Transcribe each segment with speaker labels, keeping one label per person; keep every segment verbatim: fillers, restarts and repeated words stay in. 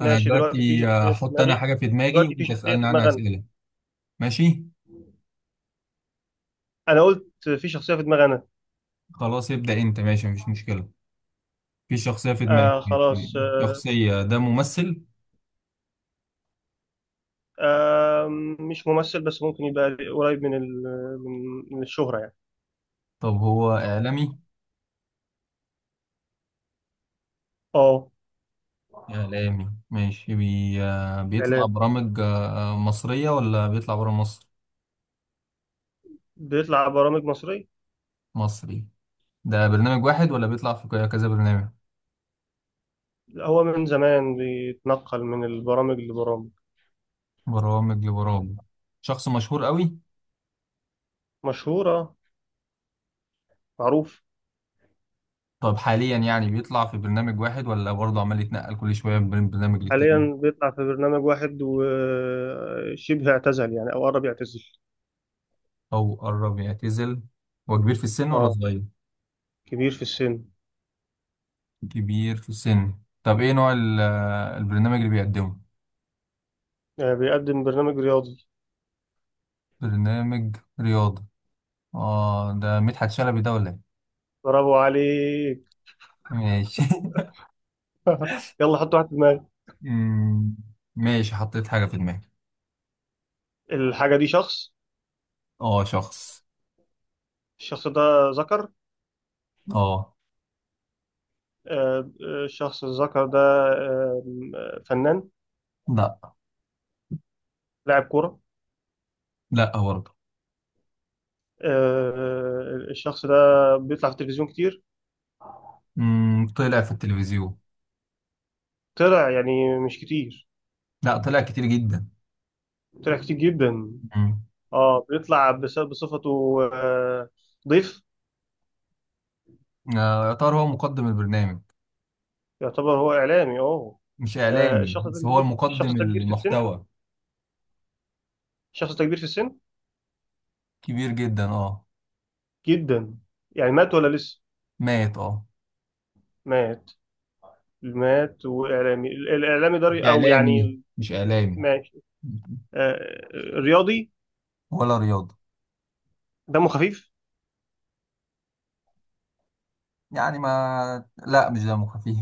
Speaker 1: انا
Speaker 2: ماشي، دلوقتي في
Speaker 1: دلوقتي
Speaker 2: شخصية في
Speaker 1: هحط انا
Speaker 2: دماغي.
Speaker 1: حاجة في دماغي
Speaker 2: دلوقتي في
Speaker 1: وانت
Speaker 2: شخصية
Speaker 1: اسألني
Speaker 2: في
Speaker 1: عنها
Speaker 2: دماغي أنا.
Speaker 1: اسئلة. ماشي.
Speaker 2: أنا قلت في شخصية في دماغي أنا.
Speaker 1: خلاص ابدأ انت، ماشي مفيش مشكلة. في شخصية في دماغك،
Speaker 2: آه
Speaker 1: ماشي.
Speaker 2: خلاص آه.
Speaker 1: شخصية ده ممثل؟
Speaker 2: آه مش ممثل بس ممكن يبقى قريب من ال من من الشهرة يعني.
Speaker 1: طب هو اعلامي؟
Speaker 2: أه.
Speaker 1: اعلامي، ماشي. بي... آه، بيطلع
Speaker 2: إعلام.
Speaker 1: برامج آه، آه، مصرية ولا بيطلع برا مصر؟
Speaker 2: بيطلع برامج مصرية.
Speaker 1: مصري. ده برنامج واحد ولا بيطلع في ك- كذا برنامج؟
Speaker 2: هو من زمان بيتنقل من البرامج لبرامج.
Speaker 1: برامج لبرامج. شخص مشهور قوي.
Speaker 2: مشهورة. معروف.
Speaker 1: طب حاليا يعني بيطلع في برنامج واحد ولا برضه عمال يتنقل كل شوية من برنامج للتاني؟
Speaker 2: حاليا بيطلع في برنامج واحد وشبه اعتزل يعني أو قرب يعتزل.
Speaker 1: أو قرب يعتزل. هو كبير في السن ولا
Speaker 2: أه
Speaker 1: صغير؟
Speaker 2: كبير في السن.
Speaker 1: كبير في السن. طب إيه نوع ال- البرنامج اللي بيقدمه؟
Speaker 2: آه بيقدم برنامج رياضي.
Speaker 1: برنامج رياضة. آه، ده مدحت شلبي ده ولا إيه؟
Speaker 2: برافو عليك.
Speaker 1: ماشي.
Speaker 2: يلا حط واحد في دماغك.
Speaker 1: أمم، ماشي حطيت حاجة في دماغي.
Speaker 2: الحاجة دي شخص.
Speaker 1: آه، شخص.
Speaker 2: الشخص ده ذكر.
Speaker 1: آه.
Speaker 2: آه، آه، الشخص الذكر ده. آه، آه، فنان.
Speaker 1: لا.
Speaker 2: لاعب كورة.
Speaker 1: لا برضه.
Speaker 2: آه، الشخص ده بيطلع في التلفزيون كتير.
Speaker 1: أمم، طلع في التلفزيون.
Speaker 2: طلع يعني مش كتير.
Speaker 1: لا، طلع كتير جدا.
Speaker 2: طلع كتير جدا.
Speaker 1: أمم،
Speaker 2: اه، بيطلع بس- بصفته آه، ضيف.
Speaker 1: آه، يا ترى هو مقدم البرنامج؟
Speaker 2: يعتبر هو إعلامي اه.
Speaker 1: مش
Speaker 2: آه،
Speaker 1: إعلامي،
Speaker 2: الشخص ده
Speaker 1: بس هو
Speaker 2: كبير، الشخص
Speaker 1: مقدم
Speaker 2: ده كبير في السن.
Speaker 1: المحتوى.
Speaker 2: الشخص ده كبير في السن
Speaker 1: كبير جدا آه
Speaker 2: جدا. يعني مات ولا لسه.
Speaker 1: مات آه
Speaker 2: مات. مات وإعلامي الإعلامي
Speaker 1: مش
Speaker 2: ده أو
Speaker 1: اعلامي
Speaker 2: يعني.
Speaker 1: مش اعلامي.
Speaker 2: ماشي. آه، رياضي.
Speaker 1: ولا رياضة.
Speaker 2: دمه خفيف.
Speaker 1: يعني ما لا، مش دمه خفيف.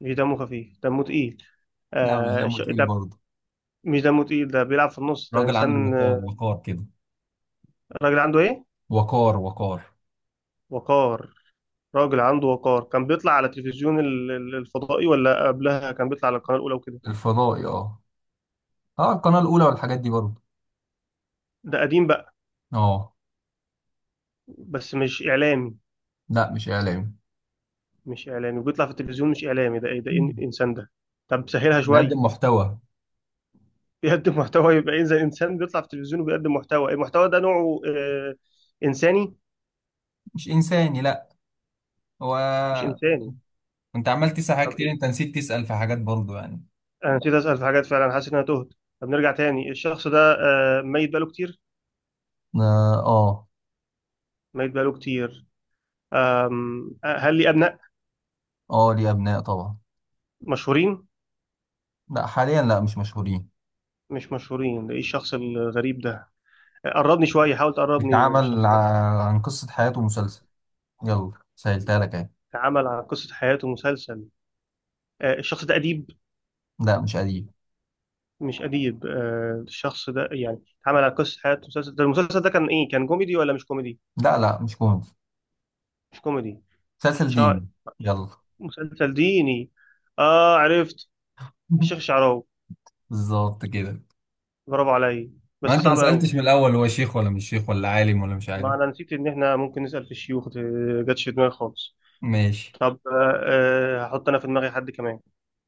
Speaker 2: مش دمه خفيف، دمه تقيل.
Speaker 1: لا، مش
Speaker 2: آه
Speaker 1: دمه
Speaker 2: ش...
Speaker 1: تقيل
Speaker 2: طب.
Speaker 1: برضه.
Speaker 2: مش دمه تقيل، ده بيلعب في النص، ده
Speaker 1: راجل عنده
Speaker 2: إنسان
Speaker 1: وقار،
Speaker 2: آه،
Speaker 1: وقار كده.
Speaker 2: راجل عنده إيه؟
Speaker 1: وقار، وقار.
Speaker 2: وقار. راجل عنده وقار، كان بيطلع على تلفزيون ال- ال- الفضائي ولا قبلها كان بيطلع على القناة الأولى وكده.
Speaker 1: الفضائي، اه. اه، القناة الأولى والحاجات دي برضه.
Speaker 2: ده قديم بقى.
Speaker 1: اه.
Speaker 2: بس مش إعلامي.
Speaker 1: لا، مش اعلامي.
Speaker 2: مش إعلامي وبيطلع في التلفزيون، مش إعلامي ده، إيه ده، إيه
Speaker 1: مم.
Speaker 2: الإنسان ده؟ طب سهلها شوية.
Speaker 1: بيقدم محتوى.
Speaker 2: بيقدم محتوى يبقى إيه؟ زي إنسان بيطلع في التلفزيون وبيقدم محتوى، المحتوى ده نوعه آه إنساني.
Speaker 1: مش انساني، لا. هو.
Speaker 2: مش إنساني.
Speaker 1: انت عمال تسأل حاجات
Speaker 2: طب
Speaker 1: كتير،
Speaker 2: إيه.
Speaker 1: انت نسيت تسأل في حاجات برضه يعني.
Speaker 2: انا نسيت اسال في حاجات، فعلا حاسس ان انا تهت. طب نرجع تاني، الشخص ده آه، ميت بقاله كتير.
Speaker 1: اه، اه.
Speaker 2: ميت بقاله كتير. آم، آه، هل لي ابناء
Speaker 1: آه، ليه أبناء طبعا.
Speaker 2: مشهورين؟
Speaker 1: لا، حاليا لا، مش مشهورين.
Speaker 2: مش مشهورين، ده ايه الشخص الغريب ده؟ آه، قربني شويه، حاول تقربني
Speaker 1: بيتعمل
Speaker 2: للشخص ده.
Speaker 1: ع- عن قصة حياته مسلسل. يلا سهلتها لك اهي.
Speaker 2: اتعامل عن قصه حياته مسلسل. آه، الشخص ده اديب.
Speaker 1: لا، مش قديم.
Speaker 2: مش اديب. آه، الشخص ده يعني اتعامل على قصه حياته مسلسل، ده المسلسل ده كان ايه؟ كان كوميدي ولا مش كوميدي؟
Speaker 1: لا، لا، مش مهم.
Speaker 2: مش كوميدي.
Speaker 1: مسلسل
Speaker 2: شا...
Speaker 1: ديني. يلا.
Speaker 2: مسلسل ديني. اه، عرفت. الشيخ الشعراوي.
Speaker 1: بالظبط كده.
Speaker 2: برافو عليا.
Speaker 1: ما
Speaker 2: بس
Speaker 1: انت ما
Speaker 2: صعب
Speaker 1: سألتش
Speaker 2: قوي.
Speaker 1: من الاول هو شيخ ولا مش شيخ، ولا عالم ولا مش
Speaker 2: ما
Speaker 1: عالم؟
Speaker 2: انا نسيت ان احنا ممكن نسأل في الشيوخ دي. جاتش في دماغي خالص.
Speaker 1: ماشي.
Speaker 2: طب آه، آه، هحط انا في دماغي حد كمان.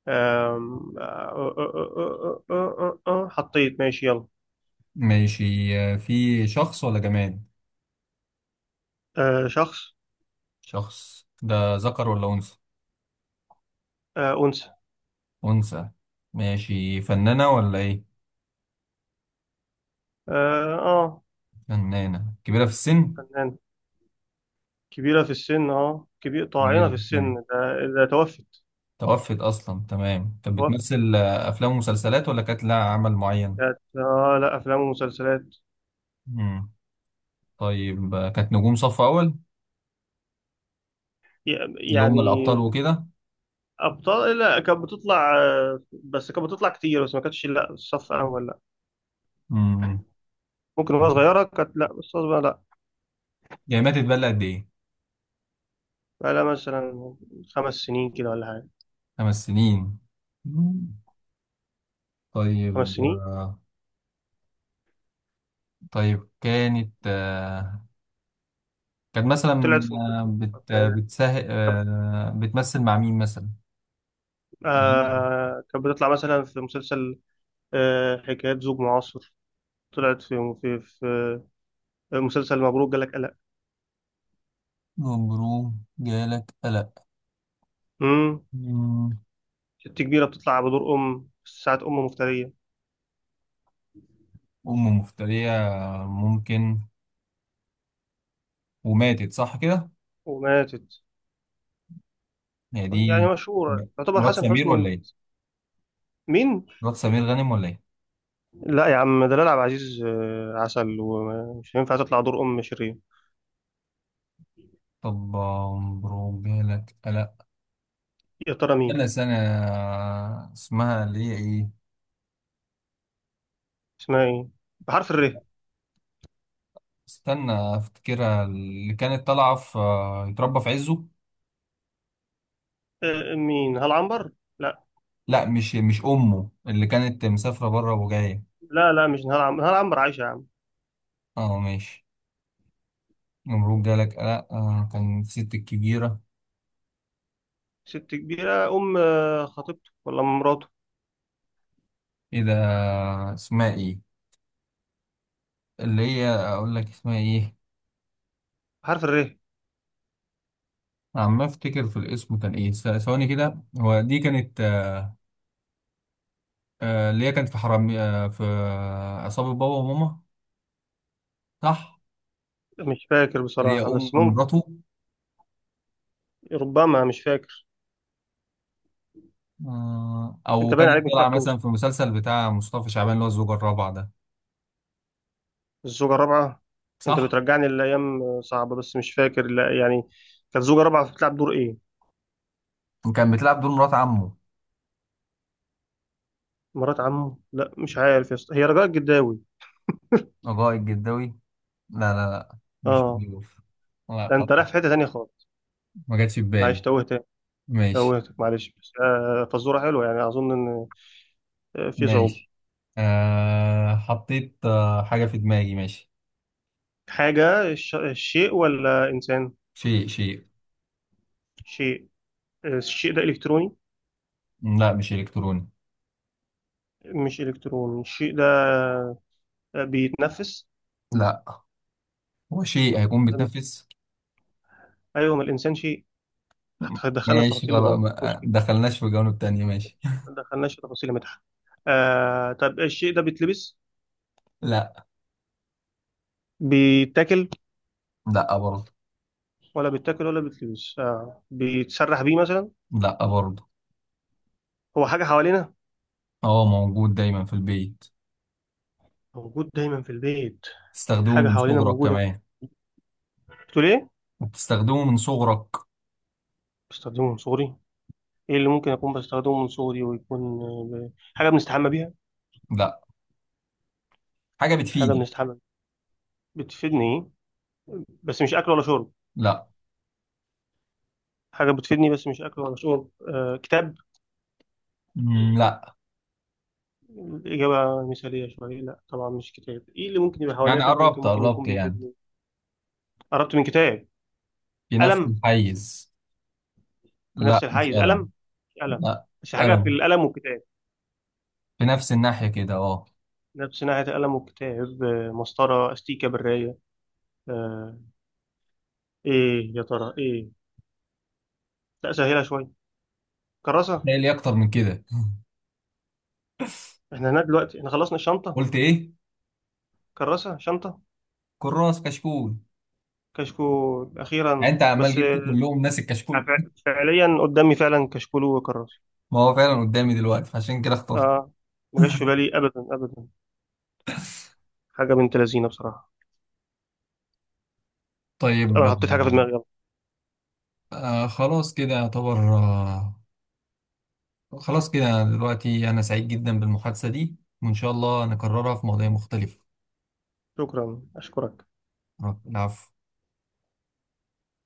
Speaker 2: آم، آه، آه، آه، آه، آه، آه، آه، آه، آه، حطيت، ماشي يلا.
Speaker 1: ماشي. آه، في شخص ولا جماد؟
Speaker 2: آه، شخص.
Speaker 1: شخص ده ذكر ولا انثى؟
Speaker 2: آه، أنثى.
Speaker 1: انثى. ماشي، فنانة ولا ايه؟
Speaker 2: اه آه،
Speaker 1: فنانة كبيرة في السن.
Speaker 2: فنان. كبيرة في السن اه، كبير، طاعنة
Speaker 1: كبيرة
Speaker 2: في
Speaker 1: في
Speaker 2: السن
Speaker 1: السن.
Speaker 2: ده, ده توفت.
Speaker 1: توفت اصلا، تمام. طب
Speaker 2: توفت.
Speaker 1: بتمثل آه، افلام ومسلسلات ولا كانت لها عمل معين؟
Speaker 2: كانت آه، لا، أفلام ومسلسلات.
Speaker 1: مم. طيب آه، كانت نجوم صف اول،
Speaker 2: ي-
Speaker 1: اللي هم الابطال
Speaker 2: يعني
Speaker 1: وكده.
Speaker 2: أبطال لا، كانت بتطلع آه، بس كانت بتطلع كتير، بس ما كانتش لا الصف أول لا.
Speaker 1: امم
Speaker 2: ممكن وهي صغيرة كانت، لا بس أصغر لا.
Speaker 1: يعني ماتت بقى لها قد ايه؟
Speaker 2: بقالها مثلا خمس سنين كده ولا حاجة.
Speaker 1: خمس سنين. مم.
Speaker 2: خمس
Speaker 1: طيب
Speaker 2: سنين
Speaker 1: آه، طيب كانت آه، كانت
Speaker 2: طلعت
Speaker 1: مثلا،
Speaker 2: في
Speaker 1: آه،
Speaker 2: مسلسل،
Speaker 1: بت
Speaker 2: أفلام.
Speaker 1: بتسه...
Speaker 2: كانت
Speaker 1: آه، بتمثل مع مين مثلا؟
Speaker 2: آه كانت بتطلع مثلا في مسلسل آه حكايات زوج معاصر. طلعت في في في آه، مسلسل مبروك جالك قلق.
Speaker 1: مبروم جالك قلق.
Speaker 2: امم.
Speaker 1: مم.
Speaker 2: ست كبيرة بتطلع بدور أم، ساعة أم مفترية.
Speaker 1: أم مفترية. ممكن. وماتت، صح كده؟
Speaker 2: وماتت.
Speaker 1: هي دي.
Speaker 2: يعني مشهورة، يعتبر
Speaker 1: مرات
Speaker 2: حسن
Speaker 1: سمير ولا
Speaker 2: حسني.
Speaker 1: إيه؟
Speaker 2: مين؟
Speaker 1: مرات سمير غانم ولا إيه؟
Speaker 2: لا يا عم، ده لا، عبد العزيز آه، عسل ومش هينفع تطلع دور أم شرير.
Speaker 1: طب مبروك جالك قلق.
Speaker 2: يا ترى مين؟
Speaker 1: كان سنة. اسمها اللي هي ايه؟
Speaker 2: اسمها إيه؟ بحرف الر.
Speaker 1: استنى افتكرها، اللي كانت طالعة في آه، يتربى في عزه.
Speaker 2: آه، مين؟ هل عنبر؟ لا.
Speaker 1: لا، مش مش امه اللي كانت مسافرة بره وجاية.
Speaker 2: لا لا مش نهار عنبر، نهار عنبر عايشة يا عم.
Speaker 1: اه، ماشي. نمرود جالك. لا، آه كان الست الكبيرة.
Speaker 2: ست كبيرة، أم آه، خطيبته ولا أم مراته.
Speaker 1: ايه ده، اسمها ايه، اللي هي اقول لك اسمها ايه؟
Speaker 2: حرف الره.
Speaker 1: عم افتكر في الاسم، كان ايه س- ثواني كده، هو دي كانت. آه اللي هي كانت في حرامي آه في آه، عصابة بابا وماما. صح.
Speaker 2: مش فاكر
Speaker 1: اللي هي
Speaker 2: بصراحة
Speaker 1: ام
Speaker 2: بس ممكن.
Speaker 1: مراته.
Speaker 2: ربما مش فاكر.
Speaker 1: آه، او
Speaker 2: أنت باين
Speaker 1: كانت
Speaker 2: عليك مش
Speaker 1: طالعه
Speaker 2: هتعرف
Speaker 1: مثلا
Speaker 2: توصل.
Speaker 1: في مسلسل بتاع مصطفى شعبان اللي هو الزوجة الرابعة ده.
Speaker 2: الزوجة الرابعة. أنت
Speaker 1: صح؟
Speaker 2: بترجعني لأيام آه، صعبة، بس مش فاكر لا يعني. كانت زوجة رابعة بتلعب دور إيه؟
Speaker 1: وكان بتلعب دور مرات عمه.
Speaker 2: مرات عمه؟ لا، مش عارف يا اسطى، هي رجاء الجداوي.
Speaker 1: الرائد الجداوي. لا، لا، لا. مش
Speaker 2: أه.
Speaker 1: بيوف. لا،
Speaker 2: ده أنت
Speaker 1: خطأ.
Speaker 2: رايح في حتة تانية خالص.
Speaker 1: ما جاتش في
Speaker 2: معلش
Speaker 1: بالي.
Speaker 2: توهت.
Speaker 1: ماشي.
Speaker 2: توهتك معلش، بس آه، فزورة حلوة، يعني أظن إن آه، في صعوبة.
Speaker 1: ماشي. أه حطيت آه، حاجة في دماغي، ماشي.
Speaker 2: حاجة الش- الشيء ولا إنسان؟
Speaker 1: شيء، شيء.
Speaker 2: شيء. آه، الشيء ده إلكتروني.
Speaker 1: لا، مش إلكتروني.
Speaker 2: مش إلكتروني، الشيء ده بيتنفس.
Speaker 1: لا. هو شيء هيكون بتنفس.
Speaker 2: أيوه ما الإنسان شيء. دخلنا في
Speaker 1: ماشي
Speaker 2: تفاصيل
Speaker 1: خلاص،
Speaker 2: لغوية
Speaker 1: ما
Speaker 2: مش
Speaker 1: آه،
Speaker 2: كده.
Speaker 1: دخلناش في جوانب تانية، ماشي.
Speaker 2: ما دخلناش في تفاصيل مدح. آه، طب الشيء ده بيتلبس؟
Speaker 1: لا.
Speaker 2: بيتاكل؟
Speaker 1: لا برضه.
Speaker 2: ولا بيتاكل ولا بيتلبس، آه بيتسرح بيه مثلا.
Speaker 1: لا برضه.
Speaker 2: هو حاجة حوالينا؟
Speaker 1: هو موجود دايما في البيت.
Speaker 2: موجود دايما في البيت.
Speaker 1: تستخدمه
Speaker 2: حاجة
Speaker 1: من
Speaker 2: حوالينا
Speaker 1: صغرك
Speaker 2: موجودة.
Speaker 1: كمان.
Speaker 2: بتقول إيه؟
Speaker 1: وبتستخدمه من صغرك.
Speaker 2: بستخدمه من صغري. إيه اللي ممكن أكون بستخدمه من صغري ويكون آه، ب- حاجة بنستحمى بيها؟
Speaker 1: لا. حاجة
Speaker 2: مش حاجة
Speaker 1: بتفيدك.
Speaker 2: بنستحمى بيها. بتفيدني إيه؟ بس مش أكل ولا شرب.
Speaker 1: لا.
Speaker 2: حاجة بتفيدني بس مش أكل ولا شرب، آه كتاب.
Speaker 1: مم، لا.
Speaker 2: الإجابة مثالية شوية، لا طبعا مش كتاب. إيه اللي ممكن يبقى حواليا
Speaker 1: يعني
Speaker 2: في البيت
Speaker 1: قربت،
Speaker 2: وممكن يكون
Speaker 1: قربت يعني.
Speaker 2: بيفيدني؟ قربت من كتاب.
Speaker 1: في نفس
Speaker 2: قلم.
Speaker 1: الحيز.
Speaker 2: في
Speaker 1: لا،
Speaker 2: نفس
Speaker 1: مش
Speaker 2: الحيز قلم.
Speaker 1: قلم.
Speaker 2: مش قلم.
Speaker 1: لا مش
Speaker 2: بس حاجة في
Speaker 1: قلم.
Speaker 2: القلم والكتاب.
Speaker 1: في نفس الناحية كده، اه.
Speaker 2: نفس ناحية القلم والكتاب آه، مسطرة، أستيكة، براية، آه إيه يا ترى إيه؟ لا سهلة شوية. كراسة.
Speaker 1: لا، لي أكتر من كده.
Speaker 2: إحنا هنا دلوقتي إحنا خلصنا الشنطة.
Speaker 1: قلت إيه؟
Speaker 2: كراسة، شنطة.
Speaker 1: كراس كشكول.
Speaker 2: كشكول،
Speaker 1: يعني
Speaker 2: أخيرا،
Speaker 1: أنت عمال
Speaker 2: بس
Speaker 1: جبت
Speaker 2: آه،
Speaker 1: كلهم ناس الكشكول.
Speaker 2: فع- فعليا قدامي فعلا كشكول وكراسة.
Speaker 1: ما هو فعلا قدامي دلوقتي فعشان كده اخترت.
Speaker 2: اه، ما جاش في بالي ابدا ابدا. حاجه بنت لذينه بصراحه.
Speaker 1: طيب
Speaker 2: انا حطيت حاجه في
Speaker 1: آه
Speaker 2: دماغي، يلا.
Speaker 1: آه، خلاص كده يعتبر آه خلاص كده دلوقتي أنا سعيد جدا بالمحادثة دي، وإن شاء الله نكررها في مواضيع مختلفة.
Speaker 2: شكرا، اشكرك.
Speaker 1: العفو.